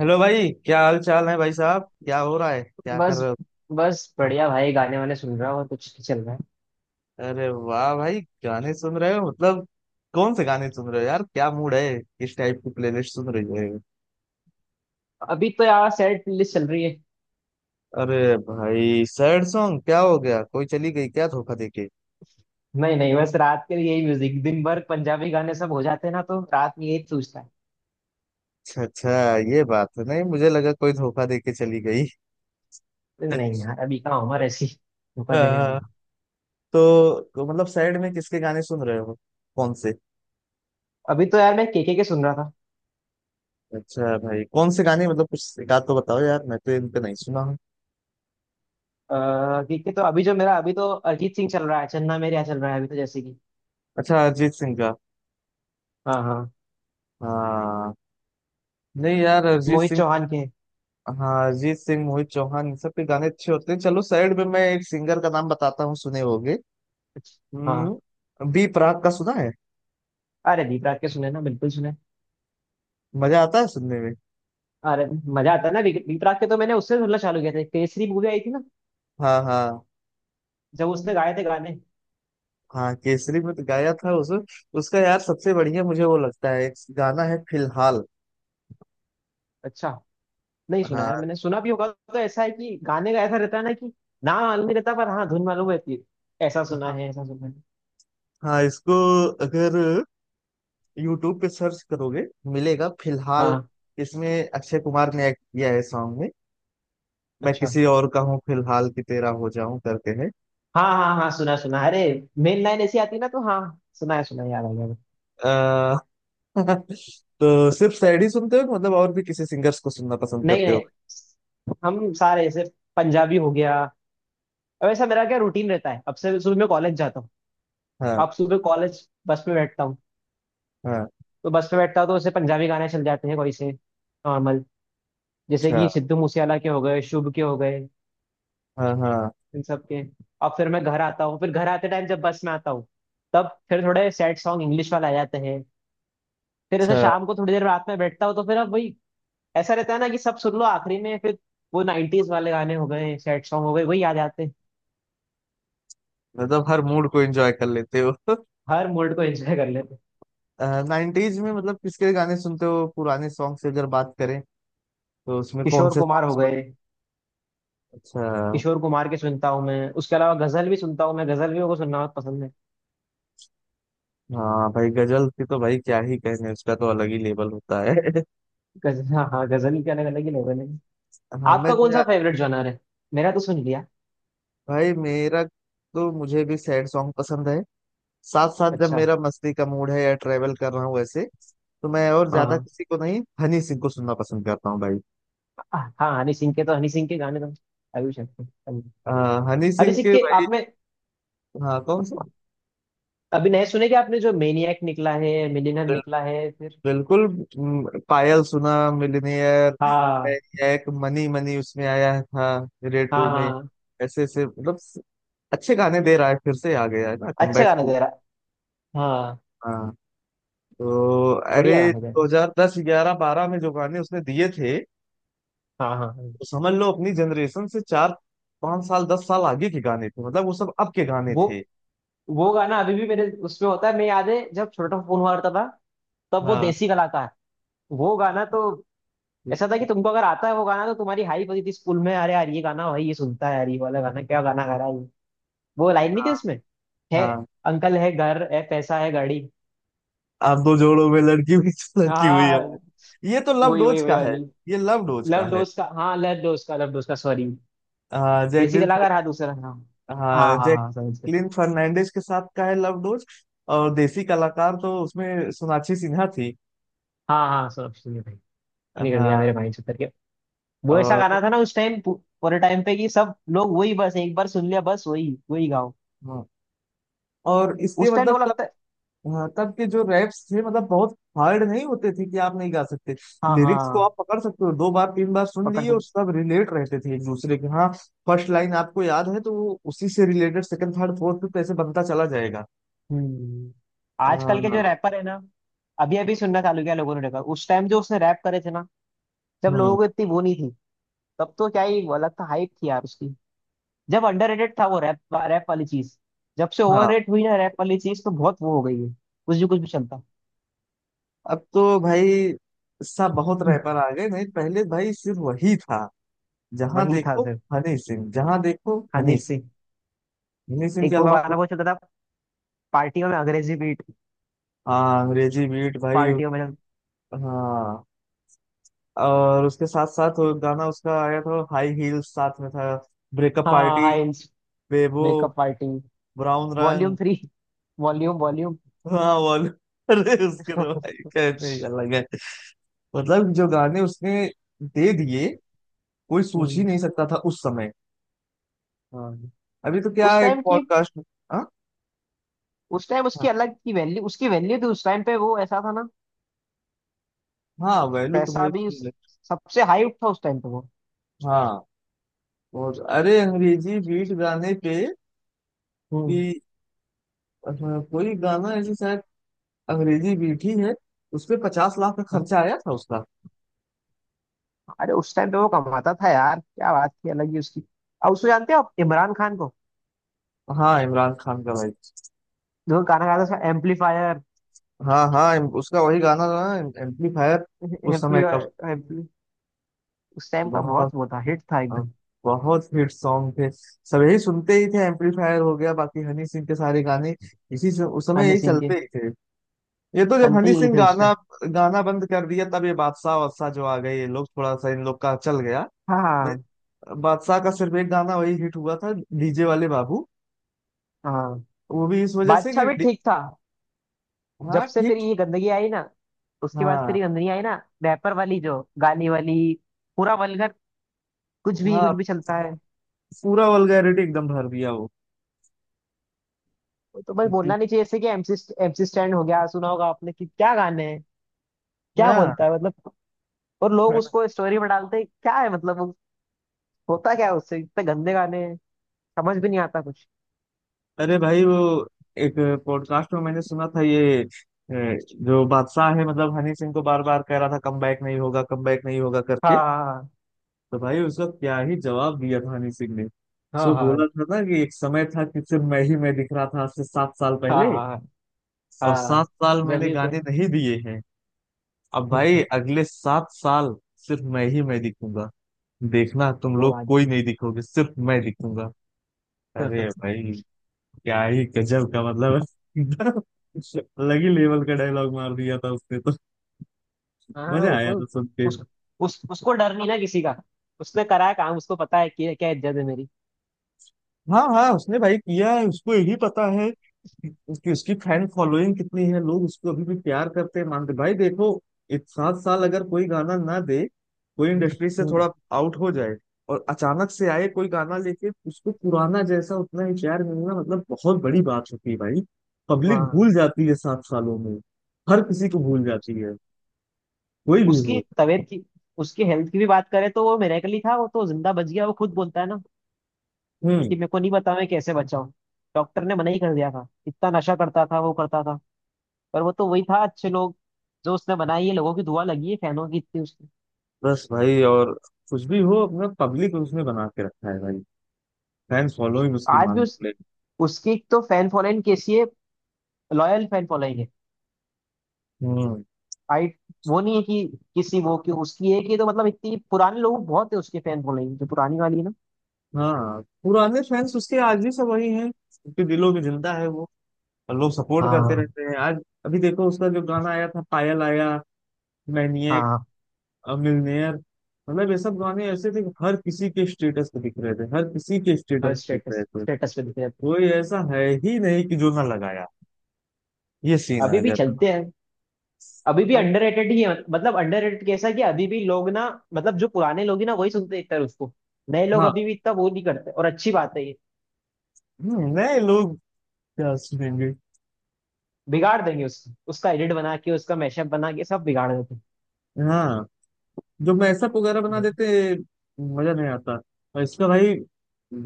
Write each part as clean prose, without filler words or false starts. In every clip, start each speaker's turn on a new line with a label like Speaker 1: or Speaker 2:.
Speaker 1: Hello भाई, क्या हाल चाल है भाई साहब? क्या हो रहा है? क्या कर
Speaker 2: बस
Speaker 1: रहे हो?
Speaker 2: बस बढ़िया भाई, गाने वाने सुन रहा हूँ, और कुछ नहीं चल रहा है।
Speaker 1: अरे वाह भाई, गाने सुन रहे हो? मतलब कौन से गाने सुन रहे हो यार? क्या मूड है? किस टाइप की प्लेलिस्ट सुन रही है?
Speaker 2: अभी तो यार, सैड प्लेलिस्ट चल रही है।
Speaker 1: अरे भाई सैड सॉन्ग? क्या हो गया? कोई चली गई क्या धोखा देके?
Speaker 2: नहीं नहीं, बस रात के लिए यही म्यूजिक। दिन भर पंजाबी गाने सब हो जाते हैं ना, तो रात में यही सूझता है।
Speaker 1: अच्छा अच्छा। ये बात है। नहीं, मुझे लगा कोई धोखा देके चली गई।
Speaker 2: तो नहीं यार, अभी कहाँ उम्र ऐसी धोखा देने वाली
Speaker 1: अ,
Speaker 2: है।
Speaker 1: तो मतलब सैड में किसके गाने सुन रहे हो? कौन से?
Speaker 2: अभी तो यार, मैं केके के सुन रहा था।
Speaker 1: अच्छा भाई, कौन से गाने? मतलब कुछ एक आध तो बताओ यार, मैं तो इनका नहीं सुना हूँ।
Speaker 2: केके तो अभी जो मेरा, अभी तो अरिजीत सिंह चल रहा है, चन्ना मेरेया चल रहा है अभी तो, जैसे कि।
Speaker 1: अच्छा अरिजीत सिंह का?
Speaker 2: हाँ हाँ।
Speaker 1: हाँ। नहीं यार अरिजीत
Speaker 2: मोहित
Speaker 1: सिंह।
Speaker 2: चौहान के
Speaker 1: हाँ अरिजीत सिंह, मोहित चौहान, इन सब के गाने अच्छे होते हैं। चलो साइड में मैं एक सिंगर का नाम बताता हूँ, सुने होगे।
Speaker 2: कुछ-। हाँ,
Speaker 1: हम्म, बी प्राक का सुना है?
Speaker 2: अरे दीप राग के सुने ना, बिल्कुल सुने।
Speaker 1: मजा आता है सुनने में।
Speaker 2: अरे, मजा आता है ना। दीप दीप राग के तो मैंने उससे सुनना चालू किया था। केसरी मूवी आई थी ना।
Speaker 1: हाँ हाँ
Speaker 2: जब उसने गाए थे गाने।
Speaker 1: हाँ केसरी में तो गाया था उस उसका यार सबसे बढ़िया मुझे वो लगता है एक गाना है फिलहाल
Speaker 2: अच्छा, नहीं सुना
Speaker 1: हाँ।
Speaker 2: यार, मैंने सुना भी होगा। तो ऐसा है कि गाने का ऐसा रहता है ना कि नाम मालूम नहीं रहता, पर हाँ धुन मालूम रहती है। ऐसा सुना
Speaker 1: हाँ
Speaker 2: है, ऐसा सुना है।
Speaker 1: हाँ, इसको अगर यूट्यूब पे सर्च करोगे, मिलेगा फिलहाल।
Speaker 2: हाँ।
Speaker 1: इसमें अक्षय कुमार ने एक्ट किया है सॉन्ग में। मैं
Speaker 2: अच्छा।
Speaker 1: किसी और का हूँ फिलहाल कि तेरा हो जाऊं करके।
Speaker 2: हाँ हाँ हाँ, सुना सुना। अरे मेन लाइन ऐसी आती है ना, तो हाँ। सुना है सुना है, याद आ गया।
Speaker 1: है। तो सिर्फ सैड ही सुनते हो कि मतलब और भी किसी सिंगर्स को सुनना पसंद
Speaker 2: नहीं
Speaker 1: करते
Speaker 2: नहीं,
Speaker 1: हो?
Speaker 2: हम सारे ऐसे। पंजाबी हो गया। अब ऐसा मेरा क्या रूटीन रहता है, अब से सुबह मैं कॉलेज जाता हूँ।
Speaker 1: हाँ
Speaker 2: अब सुबह कॉलेज बस में बैठता हूँ,
Speaker 1: हाँ।
Speaker 2: तो बस में बैठता हूँ तो ऐसे पंजाबी गाने चल जाते हैं, कोई से नॉर्मल। जैसे कि
Speaker 1: अच्छा।
Speaker 2: सिद्धू मूसेवाला के हो गए, शुभ के हो गए,
Speaker 1: हाँ हाँ।
Speaker 2: इन सब के। अब फिर मैं घर आता हूँ, फिर घर आते टाइम जब बस में आता हूँ, तब फिर थोड़े सैड सॉन्ग इंग्लिश वाले आ जाते हैं। फिर ऐसे
Speaker 1: अच्छा।
Speaker 2: शाम को थोड़ी देर रात में बैठता हूँ, तो फिर अब वही ऐसा रहता है ना कि सब सुन लो आखिरी में। फिर वो नाइन्टीज वाले गाने हो गए, सैड सॉन्ग हो गए, वही याद आते हैं।
Speaker 1: मतलब हर मूड को एंजॉय कर लेते हो।
Speaker 2: हर मूड को एंजॉय कर लेते हैं।
Speaker 1: नाइनटीज में मतलब किसके गाने सुनते हो? पुराने सॉन्ग से अगर बात करें तो उसमें कौन
Speaker 2: किशोर
Speaker 1: से
Speaker 2: कुमार हो
Speaker 1: सॉन्ग्स
Speaker 2: गए।
Speaker 1: पसंद? अच्छा।
Speaker 2: किशोर कुमार के सुनता हूँ मैं, उसके अलावा गजल भी सुनता हूँ मैं। गजल भी मेरे को सुनना बहुत पसंद है।
Speaker 1: हाँ भाई गजल की तो भाई क्या ही कहने, उसका तो अलग ही लेवल होता है।
Speaker 2: गजल, हाँ हाँ, गजल के अलग, अलग ही लोगों ने।
Speaker 1: हाँ मैं
Speaker 2: आपका
Speaker 1: तो
Speaker 2: कौन सा
Speaker 1: यार-
Speaker 2: फेवरेट जॉनर है? मेरा तो सुन लिया।
Speaker 1: भाई मेरा तो, मुझे भी सैड सॉन्ग पसंद है। साथ साथ जब
Speaker 2: अच्छा।
Speaker 1: मेरा मस्ती का मूड है या ट्रेवल कर रहा हूँ वैसे, तो मैं और ज्यादा
Speaker 2: हाँ
Speaker 1: किसी को नहीं, हनी सिंह को सुनना पसंद करता हूँ भाई।
Speaker 2: हाँ। हनी सिंह के तो, हनी सिंह के गाने तो अभी सकते हैं।
Speaker 1: हनी
Speaker 2: हनी
Speaker 1: सिंह
Speaker 2: सिंह
Speaker 1: के
Speaker 2: के
Speaker 1: भाई।
Speaker 2: आपने
Speaker 1: हाँ, कौन से?
Speaker 2: अभी नए सुने क्या आपने, जो मेनियक निकला है, मिलियनर
Speaker 1: बिल,
Speaker 2: निकला है फिर?
Speaker 1: बिल्कुल। पायल सुना मिलनियर।
Speaker 2: हाँ
Speaker 1: एक मनी मनी उसमें आया था रेड
Speaker 2: हाँ
Speaker 1: टू में।
Speaker 2: हाँ।
Speaker 1: ऐसे ऐसे मतलब अच्छे गाने दे रहा है, फिर से आ गया है ना,
Speaker 2: अच्छा
Speaker 1: कमबैक
Speaker 2: गाना
Speaker 1: टू।
Speaker 2: दे रहा। हाँ,
Speaker 1: हाँ। तो
Speaker 2: बढ़िया
Speaker 1: अरे
Speaker 2: गाना दे रहा।
Speaker 1: 2010 11 12 में जो गाने उसने दिए थे,
Speaker 2: हाँ हाँ हाँ।
Speaker 1: तो समझ लो अपनी जनरेशन से चार पांच साल, 10 साल आगे के गाने थे, मतलब वो सब अब के गाने
Speaker 2: वो
Speaker 1: थे।
Speaker 2: वो गाना अभी भी मेरे उसमें होता है, मैं याद है जब छोटा फोन हुआ करता था, तब वो
Speaker 1: हाँ
Speaker 2: देसी कलाकार। वो गाना तो ऐसा था कि तुमको अगर आता है वो गाना तो तुम्हारी हाइप होती थी स्कूल में। अरे यार ये गाना, भाई ये सुनता है यार, ये वाला गाना, क्या गाना गा रहा है। वो लाइन नहीं थी
Speaker 1: हाँ
Speaker 2: उसमें? है
Speaker 1: हाँ।
Speaker 2: अंकल, है घर, है पैसा, है गाड़ी।
Speaker 1: आप दो जोड़ों में लड़की हुई तो लड़की हुई, हमने,
Speaker 2: हाँ,
Speaker 1: ये तो लव
Speaker 2: वही वही
Speaker 1: डोज
Speaker 2: वही
Speaker 1: का है।
Speaker 2: वाली।
Speaker 1: ये लव डोज
Speaker 2: लव
Speaker 1: का है।
Speaker 2: डोज का, हाँ लव डोज का, लव डोज का, सॉरी। देसी
Speaker 1: जैकलिन
Speaker 2: कलाकार, हाँ,
Speaker 1: फर्नांडिस।
Speaker 2: दूसरा। हाँ।
Speaker 1: हाँ,
Speaker 2: हाँ हाँ हाँ, समझ गए।
Speaker 1: जैकलिन फर्नांडिस के साथ का है लव डोज। और देसी कलाकार तो उसमें सोनाक्षी सिन्हा थी।
Speaker 2: हाँ हाँ, सब सुनिए भाई। निकल गया
Speaker 1: हाँ।
Speaker 2: मेरे भाई से, उतर के। वो ऐसा
Speaker 1: और
Speaker 2: गाना था ना उस टाइम, पूरे टाइम पे कि सब लोग वही बस, एक बार सुन लिया बस वही वही गाओ।
Speaker 1: हाँ, और इसके
Speaker 2: उस टाइम लोग,
Speaker 1: मतलब।
Speaker 2: लगता है।
Speaker 1: हाँ, तब के जो रैप्स थे मतलब बहुत हार्ड नहीं होते थे कि आप नहीं गा सकते।
Speaker 2: हाँ हाँ
Speaker 1: लिरिक्स को
Speaker 2: हाँ,
Speaker 1: आप पकड़ सकते हो, दो बार तीन बार सुन
Speaker 2: पकड़
Speaker 1: लिए और
Speaker 2: सब।
Speaker 1: सब रिलेट रहते थे एक दूसरे के। हाँ, फर्स्ट लाइन आपको याद है तो वो उसी से related second third fourth fifth ऐसे बनता चला जाएगा।
Speaker 2: हम्म। आजकल के जो
Speaker 1: हाँ।
Speaker 2: रैपर है ना, अभी अभी सुनना चालू किया लोगों ने रैपर। उस टाइम जो उसने रैप करे थे ना, जब लोगों
Speaker 1: हम्म।
Speaker 2: को इतनी वो नहीं थी, तब तो क्या ही वो, अलग था, हाइप थी यार उसकी। जब अंडररेटेड था वो रैप रैप वाली चीज, जब से
Speaker 1: हाँ।
Speaker 2: ओवररेट हुई ना रैप वाली चीज, तो बहुत वो हो गई है, कुछ भी चलता।
Speaker 1: अब तो भाई सब बहुत रैपर आ गए, नहीं पहले भाई सिर्फ वही था। जहाँ
Speaker 2: वही था
Speaker 1: देखो
Speaker 2: सर।
Speaker 1: हनी सिंह, जहाँ देखो
Speaker 2: हनी
Speaker 1: हनी सिंह।
Speaker 2: सिंह।
Speaker 1: हनी सिंह के
Speaker 2: एक वो
Speaker 1: अलावा
Speaker 2: गाना
Speaker 1: कोई-
Speaker 2: बहुत चलता था पार्टियों में, अंग्रेजी बीट,
Speaker 1: हाँ अंग्रेजी बीट भाई।
Speaker 2: पार्टियों में।
Speaker 1: हाँ, और उसके साथ साथ वो गाना उसका आया था, हाई हील्स साथ में था। ब्रेकअप
Speaker 2: हाँ
Speaker 1: पार्टी।
Speaker 2: हाँ।
Speaker 1: Bebo.
Speaker 2: Makeup party.
Speaker 1: Brown
Speaker 2: volume
Speaker 1: रंग।
Speaker 2: थ्री। Volume volume.
Speaker 1: हाँ वाल। अरे उसके तो भाई कहने ही अलग है, मतलब जो गाने उसने दे दिए कोई सोच ही
Speaker 2: हम्म,
Speaker 1: नहीं सकता था उस समय।
Speaker 2: हाँ।
Speaker 1: अभी तो क्या
Speaker 2: उस
Speaker 1: है, एक
Speaker 2: टाइम की,
Speaker 1: पॉडकास्ट। हाँ
Speaker 2: उस टाइम
Speaker 1: हाँ।
Speaker 2: उसकी अलग की वैल्यू, उसकी वैल्यू थी उस टाइम पे वो, ऐसा था ना।
Speaker 1: हाँ, वैल्यू तो
Speaker 2: पैसा
Speaker 1: भाई
Speaker 2: भी
Speaker 1: उसकी है।
Speaker 2: सबसे हाई उठ था उस टाइम पे वो।
Speaker 1: हाँ, और अरे अंग्रेजी बीट गाने पे
Speaker 2: हम्म।
Speaker 1: कि अ, कोई गाना ऐसे शायद अंग्रेजी बीट ही है, उस पे 50 लाख का खर्चा आया था उसका।
Speaker 2: अरे, उस टाइम पे वो कमाता था यार, क्या बात थी, अलग ही उसकी। अब उसको जानते हो आप, इमरान खान को,
Speaker 1: हाँ, इमरान खान का भाई।
Speaker 2: जो गाना गाता था एम्पलीफायर।
Speaker 1: हाँ हाँ, उसका वही गाना था ना एम्पलीफायर, उस समय का।
Speaker 2: एम्पलीफायर एम्पली उस टाइम का बहुत
Speaker 1: बहुत
Speaker 2: वो था, हिट था एकदम।
Speaker 1: बहुत हिट सॉन्ग थे, सब यही सुनते ही थे, एम्पलीफायर हो गया बाकी हनी सिंह के सारे गाने, इसी से उस समय
Speaker 2: हनी
Speaker 1: यही
Speaker 2: सिंह
Speaker 1: चलते
Speaker 2: के,
Speaker 1: ही थे। ये तो जब
Speaker 2: सुनते
Speaker 1: हनी
Speaker 2: यही
Speaker 1: सिंह
Speaker 2: थे उस टाइम।
Speaker 1: गाना गाना बंद कर दिया तब ये बादशाह वादशाह जो आ गए ये लोग, थोड़ा सा इन लोग का चल गया।
Speaker 2: हाँ हाँ
Speaker 1: नहीं, बादशाह का सिर्फ एक गाना वही हिट हुआ था, डीजे वाले बाबू।
Speaker 2: हाँ।
Speaker 1: वो भी इस वजह से
Speaker 2: बादशाह
Speaker 1: कि
Speaker 2: भी
Speaker 1: डी-
Speaker 2: ठीक था। जब
Speaker 1: हाँ
Speaker 2: से फिर
Speaker 1: ठीक।
Speaker 2: ये गंदगी आई ना, उसके बाद
Speaker 1: हाँ
Speaker 2: फिर ये गंदगी आई ना, रैपर वाली, जो गाली वाली, पूरा वल्गर, कुछ
Speaker 1: हाँ,
Speaker 2: भी चलता है।
Speaker 1: पूरा वल्गैरिटी एकदम भर दिया वो।
Speaker 2: वो तो बस बोलना नहीं चाहिए, जैसे कि एमसी एमसी स्टैंड हो गया, सुना होगा आपने कि क्या गाने हैं, क्या
Speaker 1: हाँ,
Speaker 2: बोलता है मतलब। और लोग उसको स्टोरी में डालते हैं, क्या है मतलब वो-, होता क्या है उससे, इतने गंदे गाने हैं, समझ भी नहीं आता कुछ।
Speaker 1: अरे भाई वो एक पॉडकास्ट में मैंने सुना था ये जो बादशाह है, मतलब हनी सिंह को बार बार कह रहा था कम बैक नहीं होगा कम बैक नहीं होगा करके।
Speaker 2: हाँ
Speaker 1: तो भाई उसका क्या ही जवाब दिया था हनी सिंह ने।
Speaker 2: हाँ
Speaker 1: सो
Speaker 2: हाँ।
Speaker 1: बोला था ना कि एक समय था कि सिर्फ मैं ही मैं दिख रहा था आज से 7 साल
Speaker 2: हाँ
Speaker 1: पहले,
Speaker 2: हाँ
Speaker 1: और सात
Speaker 2: हाँ,
Speaker 1: साल
Speaker 2: जब
Speaker 1: मैंने
Speaker 2: भी
Speaker 1: गाने
Speaker 2: कोई।
Speaker 1: नहीं दिए हैं। अब भाई अगले 7 साल सिर्फ मैं ही मैं दिखूंगा, देखना तुम
Speaker 2: वो
Speaker 1: लोग
Speaker 2: बात
Speaker 1: कोई
Speaker 2: भी।
Speaker 1: नहीं दिखोगे, सिर्फ मैं दिखूंगा। अरे भाई, क्या ही गजब का मतलब है। अलग ही लेवल का डायलॉग मार दिया था उसने तो,
Speaker 2: हाँ,
Speaker 1: मजा
Speaker 2: वो
Speaker 1: आया था
Speaker 2: तो।
Speaker 1: सुन के।
Speaker 2: उस, उस उसको डर नहीं ना किसी का, उसने करा है काम, उसको पता है कि क्या इज्जत है मेरी।
Speaker 1: हाँ हाँ, उसने भाई किया है, उसको यही पता है कि उसकी फैन फॉलोइंग कितनी है, लोग उसको अभी भी प्यार करते हैं मानते भाई। देखो, एक सात साल अगर कोई गाना ना दे, कोई इंडस्ट्री से
Speaker 2: हम्म।
Speaker 1: थोड़ा आउट हो जाए और अचानक से आए कोई गाना लेके उसको पुराना जैसा उतना ही प्यार मिलना मतलब बहुत बड़ी बात होती है भाई। पब्लिक भूल
Speaker 2: हाँ।
Speaker 1: जाती है 7 सालों में, हर किसी को भूल जाती है, कोई भी
Speaker 2: उसकी
Speaker 1: हो।
Speaker 2: तबीयत की, उसकी हेल्थ की भी बात करें तो वो मिरेकल ही था, वो तो जिंदा बच गया। वो खुद बोलता है ना
Speaker 1: हम्म।
Speaker 2: कि मेरे को नहीं पता मैं कैसे बचा हूँ। डॉक्टर ने मना ही कर दिया था। इतना नशा करता था वो, करता था। पर वो तो वही था, अच्छे लोग जो उसने बनाई है, लोगों की दुआ लगी है, फैनों की इतनी उसकी।
Speaker 1: बस भाई, और कुछ भी हो अपना पब्लिक उसने बना के रखा है भाई, फैंस फॉलोइंग उसकी
Speaker 2: आज भी
Speaker 1: मान
Speaker 2: उस
Speaker 1: ले।
Speaker 2: उसकी एक तो फैन फॉलोइंग कैसी है, लॉयल फैन फॉलोइंग है।
Speaker 1: हम्म।
Speaker 2: आई, वो नहीं है कि, किसी वो कि उसकी है कि, तो मतलब इतनी पुराने लोग बहुत है उसके, फैन फॉलोइंग जो पुरानी वाली है ना।
Speaker 1: हाँ, पुराने फैंस उसके आज भी सब वही हैं, उनके दिलों में जिंदा है वो, और लोग सपोर्ट करते
Speaker 2: हाँ
Speaker 1: रहते हैं आज। अभी देखो उसका जो गाना आया था, पायल आया, मैनिएक,
Speaker 2: हाँ।
Speaker 1: मिलनेयर, मतलब ये सब गाने ऐसे थे कि हर किसी के स्टेटस पे दिख रहे थे, हर किसी के स्टेटस
Speaker 2: हर
Speaker 1: पे दिख रहे
Speaker 2: स्टेटस
Speaker 1: थे।
Speaker 2: स्टेटस पे दिखते रहते हैं।
Speaker 1: कोई ऐसा है ही नहीं कि जो ना लगाया, ये सीन
Speaker 2: अभी
Speaker 1: आ
Speaker 2: भी
Speaker 1: गया था।
Speaker 2: चलते हैं। अभी भी
Speaker 1: भाई।
Speaker 2: अंडररेटेड ही है, मतलब अंडररेटेड कैसा है कि अभी भी लोग ना, मतलब जो पुराने लोग ही ना वही सुनते हैं एक तरह उसको। नए लोग
Speaker 1: हाँ।
Speaker 2: अभी भी इतना वो नहीं करते, और अच्छी बात है ये।
Speaker 1: नए लोग क्या सुनेंगे।
Speaker 2: बिगाड़ देंगे उसको, उसका एडिट बना के, उसका मैशअप बना के, सब बिगाड़ देते
Speaker 1: हाँ, जो मैसअप वगैरह बना
Speaker 2: हैं।
Speaker 1: देते मजा नहीं आता। और इसका भाई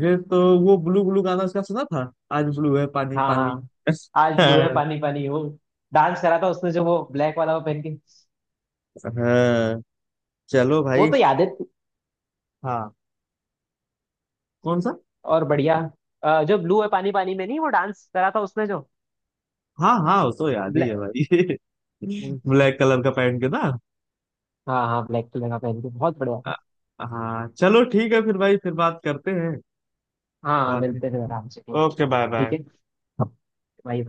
Speaker 1: ये तो वो ब्लू ब्लू गाना इसका सुना था, आज ब्लू है पानी
Speaker 2: हाँ
Speaker 1: पानी।
Speaker 2: हाँ। आज ब्लू है
Speaker 1: हाँ।
Speaker 2: पानी पानी हो। डांस करा था उसने जो वो ब्लैक वाला वो पहन के।
Speaker 1: हाँ, चलो
Speaker 2: वो
Speaker 1: भाई।
Speaker 2: तो याद है।
Speaker 1: हाँ, कौन सा?
Speaker 2: और बढ़िया। जो ब्लू है पानी पानी में नहीं, वो डांस करा था उसने जो
Speaker 1: हाँ हाँ, वो तो याद ही है
Speaker 2: ब्लैक।
Speaker 1: भाई। ब्लैक कलर का पहन के ना।
Speaker 2: हाँ हाँ, ब्लैक कलर का पहन के बहुत बढ़िया था।
Speaker 1: हाँ चलो ठीक है, फिर भाई फिर बात करते हैं
Speaker 2: हाँ,
Speaker 1: बाद में।
Speaker 2: मिलते हैं आराम से। ठीक
Speaker 1: ओके बाय बाय।
Speaker 2: है भाई।